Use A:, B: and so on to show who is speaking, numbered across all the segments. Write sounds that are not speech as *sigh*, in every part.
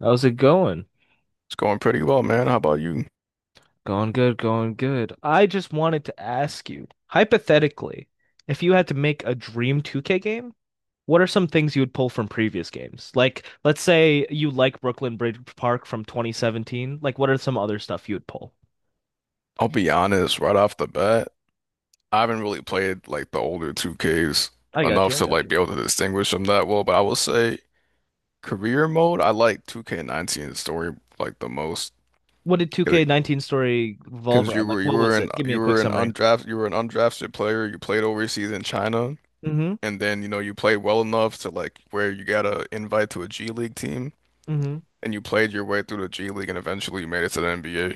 A: How's it going?
B: It's going pretty well, man. How about you?
A: Going good, going good. I just wanted to ask you, hypothetically, if you had to make a dream 2K game, what are some things you would pull from previous games? Like, let's say you like Brooklyn Bridge Park from 2017. Like, what are some other stuff you would pull?
B: I'll be honest, right off the bat, I haven't really played like the older 2Ks
A: I got you.
B: enough
A: I
B: to
A: got
B: like
A: you.
B: be able to distinguish them that well, but I will say career mode, I like 2K19 story the most
A: What did 2K19 story revolve
B: because
A: around? Like, what was it? Give me
B: you
A: a quick
B: were an
A: summary.
B: undrafted you were an undrafted player. You played overseas in China,
A: Mm-hmm.
B: and then you played well enough to like where you got a invite to a G League team.
A: Mm-hmm.
B: And you played your way through the G League and eventually you made it to the NBA.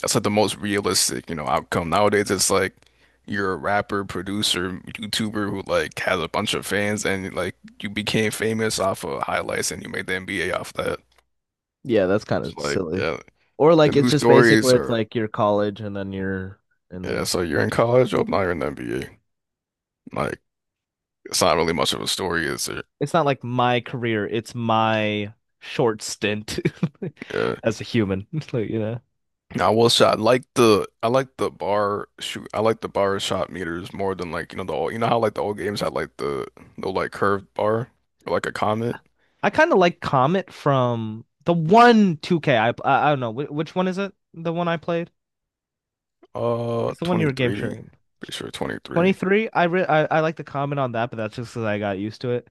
B: That's like the most realistic, you know, outcome. Nowadays, it's like you're a rapper, producer, YouTuber who like has a bunch of fans and like you became famous off of highlights and you made the NBA off that.
A: Yeah, that's kind
B: It's
A: of
B: like,
A: silly.
B: yeah,
A: Or
B: the
A: like it's
B: news
A: just basic
B: stories
A: where it's
B: are,
A: like your college and then your, and
B: yeah,
A: then
B: so you're in college, oh, now you're in the NBA. Like, it's not really much of a story, is it?
A: it's not like my career, it's my short stint
B: Yeah.
A: *laughs* as a human, *laughs* like.
B: I will say I like the bar shot meters more than the old, you know how like the old games had like the like curved bar or like a comet
A: I kind of like Comet from the one 2K I don't know which one is it? The one I played? It's the one you were game
B: 23.
A: sharing.
B: Pretty sure 23.
A: 23, I like the comment on that, but that's just because I got used to it.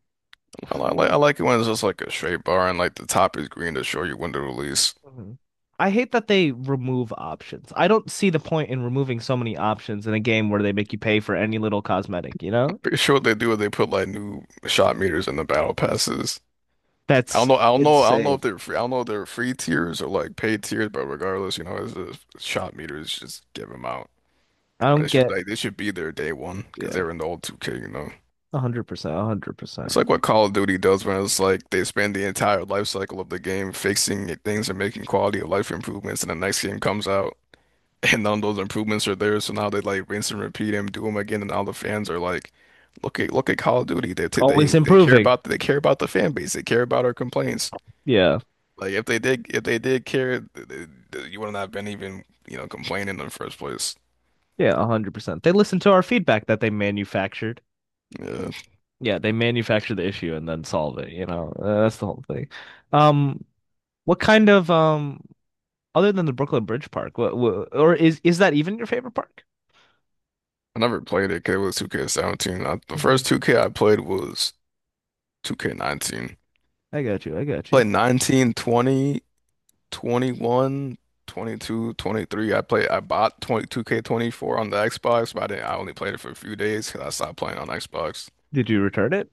B: I like it when it's just like a straight bar and like the top is green to show you when to release.
A: Mhm. I hate that they remove options. I don't see the point in removing so many options in a game where they make you pay for any little cosmetic,
B: Pretty sure what they do is they put like new shot meters in the battle passes.
A: That's
B: I don't know
A: insane.
B: if they're free tiers or like paid tiers. But regardless, it's just shot meters, just give them out.
A: I don't get
B: They should be there day one because
A: Yeah,
B: they're in the old 2K.
A: 100%, 100%.
B: It's like what Call of Duty does when it's like they spend the entire life cycle of the game things and making quality of life improvements, and the next game comes out, *laughs* and none of those improvements are there. So now they like rinse and repeat and do them again, and all the fans are like, "Look at Call of Duty.
A: Always improving.
B: They care about the fan base. They care about our complaints.
A: Yeah.
B: Like if they did care, you wouldn't have been even complaining in the first place."
A: Yeah, 100%. They listen to our feedback that they manufactured.
B: Yeah.
A: Yeah, they manufacture the issue and then solve it, That's the whole thing. Um, what kind of other than the Brooklyn Bridge Park, what or is that even your favorite park?
B: I never played it 'cause it was 2K17. The
A: Hmm.
B: first 2K I played was 2K19.
A: I got you. I got you.
B: Played 19, 20, 21, 22, 23. I bought 22 k 24 on the Xbox, but I didn't, I only played it for a few days 'cause I stopped playing on Xbox.
A: Did you return it?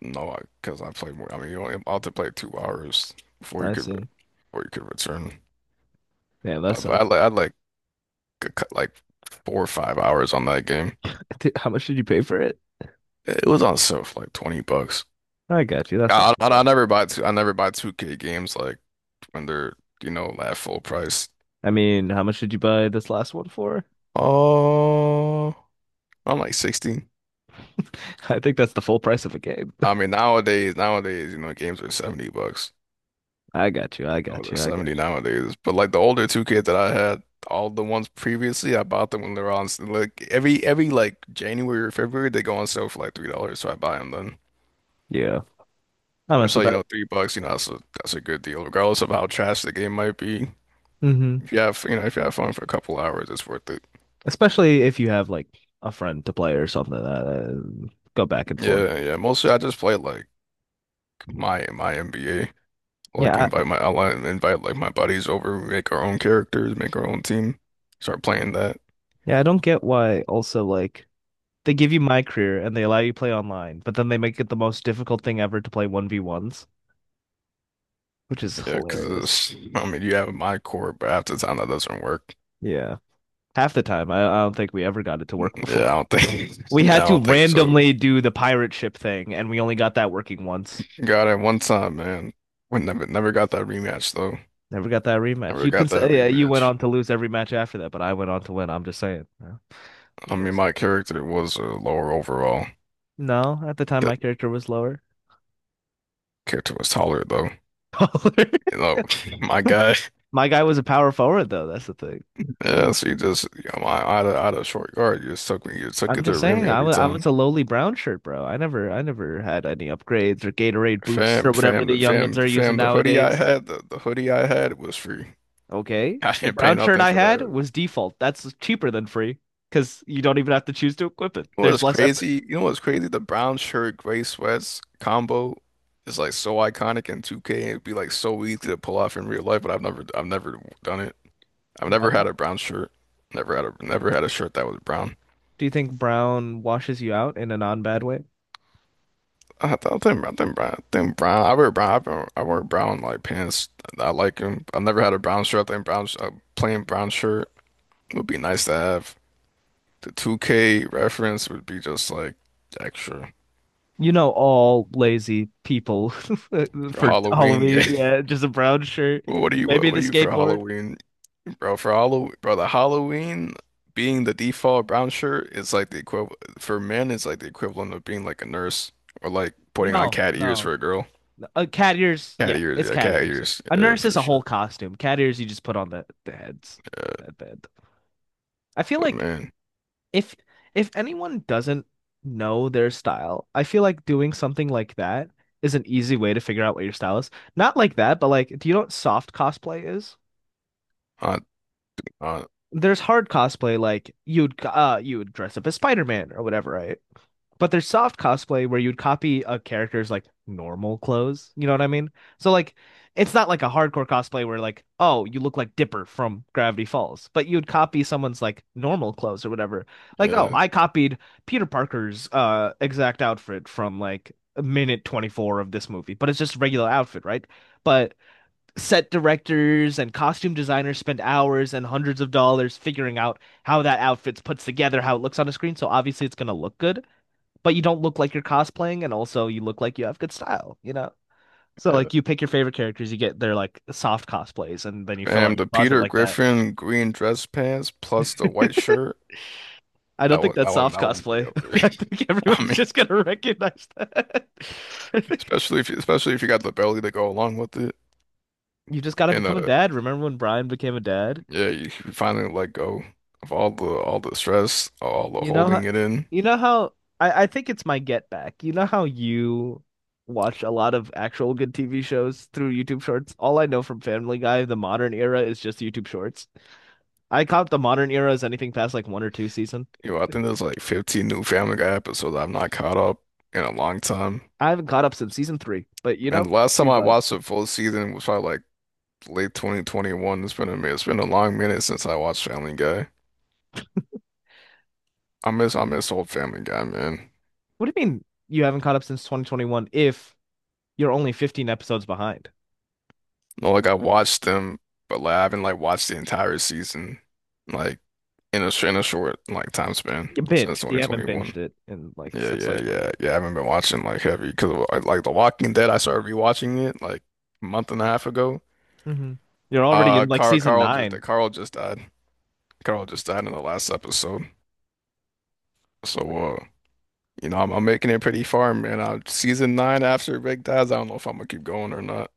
B: No, because 'cause I played more. I mean, you only about to play 2 hours
A: I see.
B: before you could return.
A: Yeah, that
B: But I
A: sucks.
B: li- I like like like 4 or 5 hours on that game.
A: *laughs* Dude, how much did you pay for it?
B: It was on sale for like 20 bucks.
A: I got you. That's not too
B: I
A: bad.
B: never buy two, I never buy 2K games like when they're at full price.
A: I mean, how much did you buy this last one for?
B: Oh, I'm like 16.
A: *laughs* I think that's the full price of a game.
B: I mean nowadays, games are 70 bucks.
A: I got you. I
B: Oh,
A: got
B: they're
A: you. I got
B: 70 nowadays. But like the older 2K that I had, all the ones previously, I bought them when they were like every like January or February they go on sale for like $3, so I buy them then.
A: you. Yeah. I mess
B: Which
A: with
B: like
A: that.
B: 3 bucks, you know that's a good deal, regardless of how trash the game might be.
A: Hmm.
B: If you have you know if you have fun for a couple hours, it's worth it.
A: Especially if you have like a friend to play or something like that, go back and forth.
B: Yeah, yeah. Mostly I just play like my NBA. Like
A: Yeah, I,
B: invite my ally like invite like my buddies over, we make our own characters, make our own team, start playing that.
A: yeah, I don't get why also like they give you my career and they allow you to play online, but then they make it the most difficult thing ever to play 1v1s, which is
B: Yeah, 'cause
A: hilarious.
B: it's, I mean, you have my core, but half the time that doesn't work.
A: Yeah. Half the time, I don't think we ever got it to work *laughs*
B: Yeah, I
A: before.
B: don't think *laughs*
A: We
B: yeah,
A: had
B: I
A: to
B: don't think so.
A: randomly do the pirate ship thing, and we only got that working once.
B: Got it one time, man. We never got that rematch though.
A: Never got that rematch.
B: Never
A: You can
B: got that
A: say, yeah, you went
B: rematch.
A: on to lose every match after that, but I went on to win. I'm just saying.
B: I mean my
A: Yeah.
B: character was lower overall.
A: No, at the time my
B: That
A: character was lower.
B: character was taller though.
A: *laughs* Taller.
B: You know, *laughs* my guy.
A: My guy was a power forward though, that's the thing.
B: Yeah, so you just, out of, short guard, you just took me, you took
A: I'm
B: it to
A: just
B: the rim
A: saying
B: every
A: I was
B: time.
A: a lowly brown shirt, bro. I never had any upgrades or Gatorade boots or
B: Fam,
A: whatever
B: fam,
A: the
B: the
A: youngins
B: fam,
A: are using
B: fam. The hoodie I
A: nowadays.
B: had, the, the, hoodie I had was free.
A: Okay.
B: *laughs* I
A: The
B: didn't pay
A: brown shirt
B: nothing
A: I
B: for that
A: had
B: hoodie.
A: was default. That's cheaper than free because you don't even have to choose to equip it.
B: You know
A: There's
B: what's
A: less effort.
B: crazy? The brown shirt, gray sweats combo is like so iconic in 2K. It'd be like so easy to pull off in real life, but I've never done it. I've
A: Why
B: never had
A: not?
B: a brown shirt. Never had a shirt that was brown.
A: Do you think brown washes you out in a non-bad way?
B: I think brown, I wear brown. I wear brown like pants. I like them. I never had a brown shirt. I think a plain brown shirt would be nice to have. The 2K reference would be just like extra
A: You know, all lazy people *laughs*
B: for
A: for
B: Halloween. *laughs* Yeah.
A: Halloween. Yeah, just a brown shirt.
B: Well, What are you? What,
A: Maybe the
B: what are you for
A: skateboard.
B: Halloween, bro? For Halloween, bro. The Halloween being the default brown shirt is like the equivalent for men. It's like the equivalent of being like a nurse or like putting on
A: No,
B: cat ears
A: no.
B: for a girl.
A: Cat ears. Yeah, it's cat
B: Cat
A: ears.
B: ears,
A: A
B: yeah,
A: nurse is
B: for
A: a
B: sure.
A: whole costume. Cat ears, you just put on the heads.
B: Yeah,
A: That bad. I feel
B: but
A: like
B: man.
A: if if anyone doesn't know their style, I feel like doing something like that is an easy way to figure out what your style is. Not like that, but like, do you know what soft cosplay is?
B: I Uh,
A: There's hard cosplay, like you would dress up as Spider-Man or whatever, right? But there's soft cosplay where you'd copy a character's like normal clothes. You know what I mean? So like it's not like a hardcore cosplay where like, oh, you look like Dipper from Gravity Falls, but you'd copy someone's like normal clothes or whatever. Like, oh,
B: yeah,
A: I copied Peter Parker's exact outfit from like minute 24 of this movie, but it's just a regular outfit, right? But set directors and costume designers spend hours and hundreds of dollars figuring out how that outfit's put together, how it looks on a screen. So obviously it's going to look good, but you don't look like you're cosplaying, and also you look like you have good style, you know? So
B: yeah.
A: like you pick your favorite characters, you get their like soft cosplays, and then you fill out
B: Fam,
A: your
B: the
A: closet
B: Peter
A: like that.
B: Griffin green dress pants plus the white
A: *laughs*
B: shirt.
A: I don't think that's soft
B: That one will be
A: cosplay.
B: up
A: *laughs*
B: there.
A: I think
B: *laughs* I
A: everyone's
B: mean,
A: just gonna recognize that. *laughs*
B: especially if you got the belly to go along with it,
A: You just gotta
B: and
A: become a dad. Remember when Brian became a dad?
B: yeah, you can finally let go of all the stress, all the
A: You know how,
B: holding it in.
A: you know how I think it's my get back. You know how you watch a lot of actual good TV shows through YouTube Shorts? All I know from Family Guy, the modern era, is just YouTube Shorts. I caught the modern era as anything past like one or two season.
B: Yo, I think there's like 15 new Family Guy episodes I've not caught up in a long time.
A: I haven't caught up since season three, but you
B: And
A: know,
B: the last time
A: we
B: I
A: vibe.
B: watched a full season was probably like late 2021. It's been a minute. It's been a long minute since I watched Family Guy. I miss old Family Guy, man.
A: What do you mean you haven't caught up since 2021 if you're only 15 episodes behind?
B: No, like I watched them, but like I haven't like watched the entire season, like in a short like time span
A: You
B: since
A: binged. You haven't binged
B: 2021.
A: it in like
B: Yeah,
A: since
B: yeah,
A: like 20.
B: yeah, yeah. I haven't been watching like heavy because like, The Walking Dead. I started rewatching it like a month and a half ago.
A: Mm-hmm. You're already in like season nine.
B: Carl just died. Carl just died in the last episode. So uh, I'm making it pretty far, man. Season nine after Rick dies, I don't know if I'm gonna keep going or not.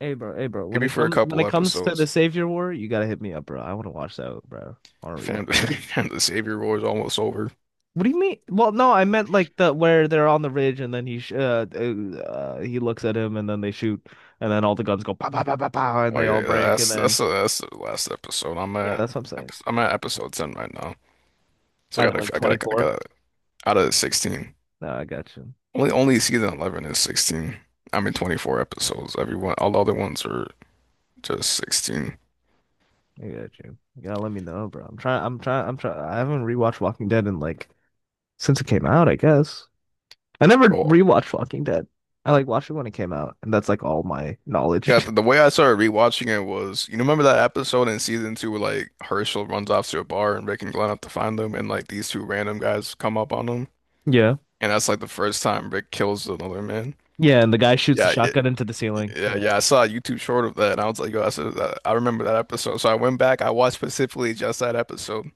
A: Hey bro, hey bro.
B: Maybe for a
A: When
B: couple
A: it comes to the
B: episodes.
A: Savior War, you gotta hit me up, bro. I want to watch that, bro. I want to rewatch.
B: Phantom Savior *laughs* War is almost over.
A: What do you mean? Well, no, I meant like the where they're on the ridge and then he looks at him and then they shoot and then all the guns go pow pow pow pow pow and
B: Oh
A: they
B: yeah,
A: all
B: yeah,
A: break and then
B: that's the last episode.
A: yeah, that's what I'm saying.
B: I'm at episode 10 right now. So
A: Out of like
B: I
A: 24.
B: gotta, out of the 16.
A: No, I got you.
B: Only season 11 is 16. I mean 24 episodes. Everyone all the other ones are just 16.
A: I got you. You gotta let me know, bro. I'm trying. I'm trying. I'm trying. I haven't rewatched Walking Dead in like since it came out, I guess. I never
B: Well,
A: rewatched Walking Dead. I like watched it when it came out, and that's like all my
B: yeah.
A: knowledge. *laughs*
B: The way I started rewatching it was, you remember that episode in season two where like Herschel runs off to a bar and Rick and Glenn have to find them and like these two random guys come up on them,
A: Yeah.
B: and that's like the first time Rick kills another man.
A: Yeah, and the guy shoots the
B: Yeah, yeah.
A: shotgun into the ceiling.
B: Yeah,
A: Yeah.
B: yeah, I saw a YouTube short of that, and I was like, "Yo, I remember that episode." So I went back, I watched specifically just that episode,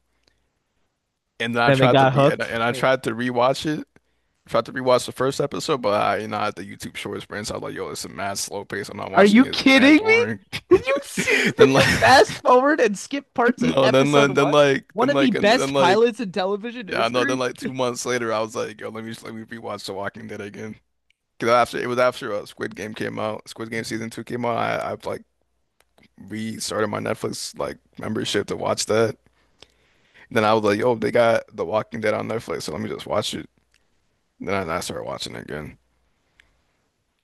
B: and then I
A: Then they
B: tried to
A: got
B: re and
A: hooked.
B: I, tried to rewatch the first episode, but I had the YouTube Shorts brand, so I was like, "Yo, it's a mad slow pace. I'm not
A: Are
B: watching
A: you
B: it. It's
A: kidding
B: mad
A: me?
B: boring." *laughs*
A: Did
B: Then
A: you
B: like,
A: fast forward and skip
B: *laughs*
A: parts of
B: no,
A: episode one? One
B: then
A: of the
B: like and then
A: best
B: like
A: pilots in television
B: yeah, no, then
A: history.
B: like 2 months later, I was like, "Yo, let me rewatch The Walking Dead again." Because after it was after Squid Game season two came out. I like. Restarted my Netflix like membership to watch that. Then I was like, yo, they got The Walking Dead on Netflix, so let me just watch it. Then I started watching it again.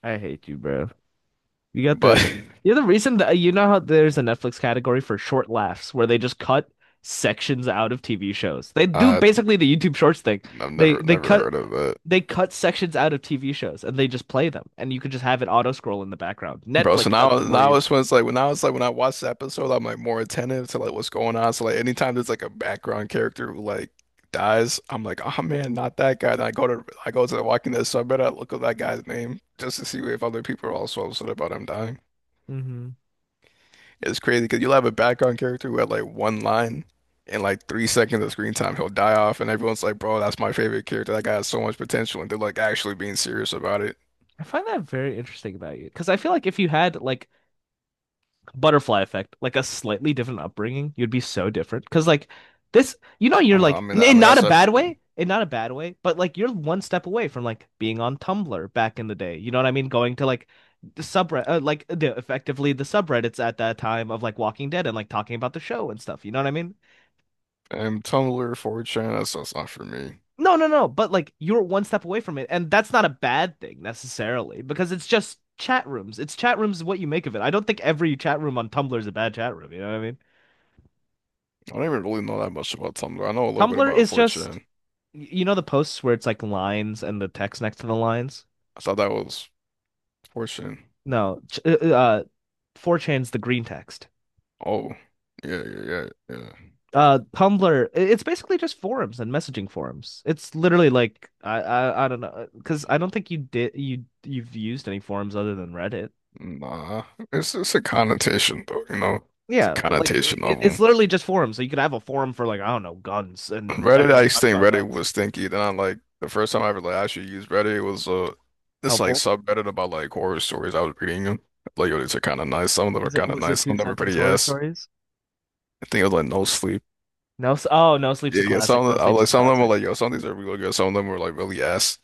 A: I hate you, bro. You got
B: But
A: the you're the reason that you know how there's a Netflix category for short laughs where they just cut sections out of TV shows. They
B: *laughs*
A: do
B: uh,
A: basically the YouTube Shorts thing.
B: I've
A: They they
B: never
A: cut
B: heard of it.
A: they cut sections out of TV shows and they just play them, and you could just have it auto scroll in the background.
B: Bro,
A: Netflix
B: so
A: does
B: now
A: it for
B: now
A: you.
B: it's when it's like when now it's like when I watch the episode, I'm like more attentive to like what's going on. So like anytime there's like a background character who like dies, I'm like, oh man, not that guy. Then I go to The Walking Dead, so I better look up that guy's name just to see if other people are also upset about him dying.
A: Hmm.
B: It's crazy because you'll have a background character who had like one line and like 3 seconds of screen time, he'll die off, and everyone's like, "Bro, that's my favorite character. That guy has so much potential," and they're like actually being serious about it.
A: I find that very interesting about you because I feel like if you had like butterfly effect, like a slightly different upbringing, you'd be so different. Because like this, you know, you're like
B: I
A: in
B: mean
A: not a
B: that's
A: bad
B: everyone.
A: way, in not a bad way, but like you're one step away from like being on Tumblr back in the day. You know what I mean? Going to like the subreddit, like the effectively the subreddits at that time of like Walking Dead and like talking about the show and stuff. You know what I mean?
B: And Tumblr, 4chan, that's not for me.
A: No, no, no. But like you're one step away from it, and that's not a bad thing necessarily because it's just. Chat rooms. It's chat rooms, what you make of it. I don't think every chat room on Tumblr is a bad chat room. You know what I mean?
B: I don't even really know that much about Tumblr. I know a little bit
A: Tumblr
B: about
A: is just,
B: 4chan.
A: you know the posts where it's like lines and the text next to the lines?
B: I thought that was 4chan.
A: No, 4chan's the green text.
B: Oh, yeah, yeah, yeah, yeah.
A: Tumblr, it's basically just forums and messaging forums. It's literally like I don't know because I don't think you did you you've used any forums other than Reddit.
B: Nah, it's a connotation though, It's a
A: Yeah, but like
B: connotation of
A: it's
B: them.
A: literally just forums. So you could have a forum for like I don't know guns and
B: Reddit, I
A: everyone
B: used to
A: talks
B: think
A: about
B: Reddit
A: guns.
B: was stinky. Then I, like, the first time I ever like actually used Reddit was this like
A: Helpful.
B: subreddit about like horror stories I was reading them. Like yo, these are kind of nice. Some of them are
A: Is it
B: kind of
A: was it
B: nice.
A: two
B: Some of them are
A: sentence
B: pretty
A: horror
B: ass.
A: stories?
B: I think it was like No Sleep.
A: No sleep's
B: Yeah,
A: a
B: yeah.
A: classic. No sleep's a
B: Some of them
A: classic.
B: were like, yo, some of these are really good. Some of them were like really ass.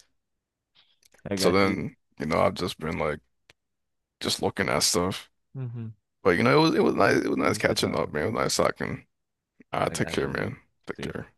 A: I
B: So
A: got you.
B: then I've just been like just looking at stuff.
A: Hmm.
B: But it was, it was nice. It was
A: It
B: nice
A: was good
B: catching up,
A: talking.
B: man. It was nice talking. I
A: I
B: take
A: got
B: care,
A: you.
B: man. Take
A: See you.
B: care.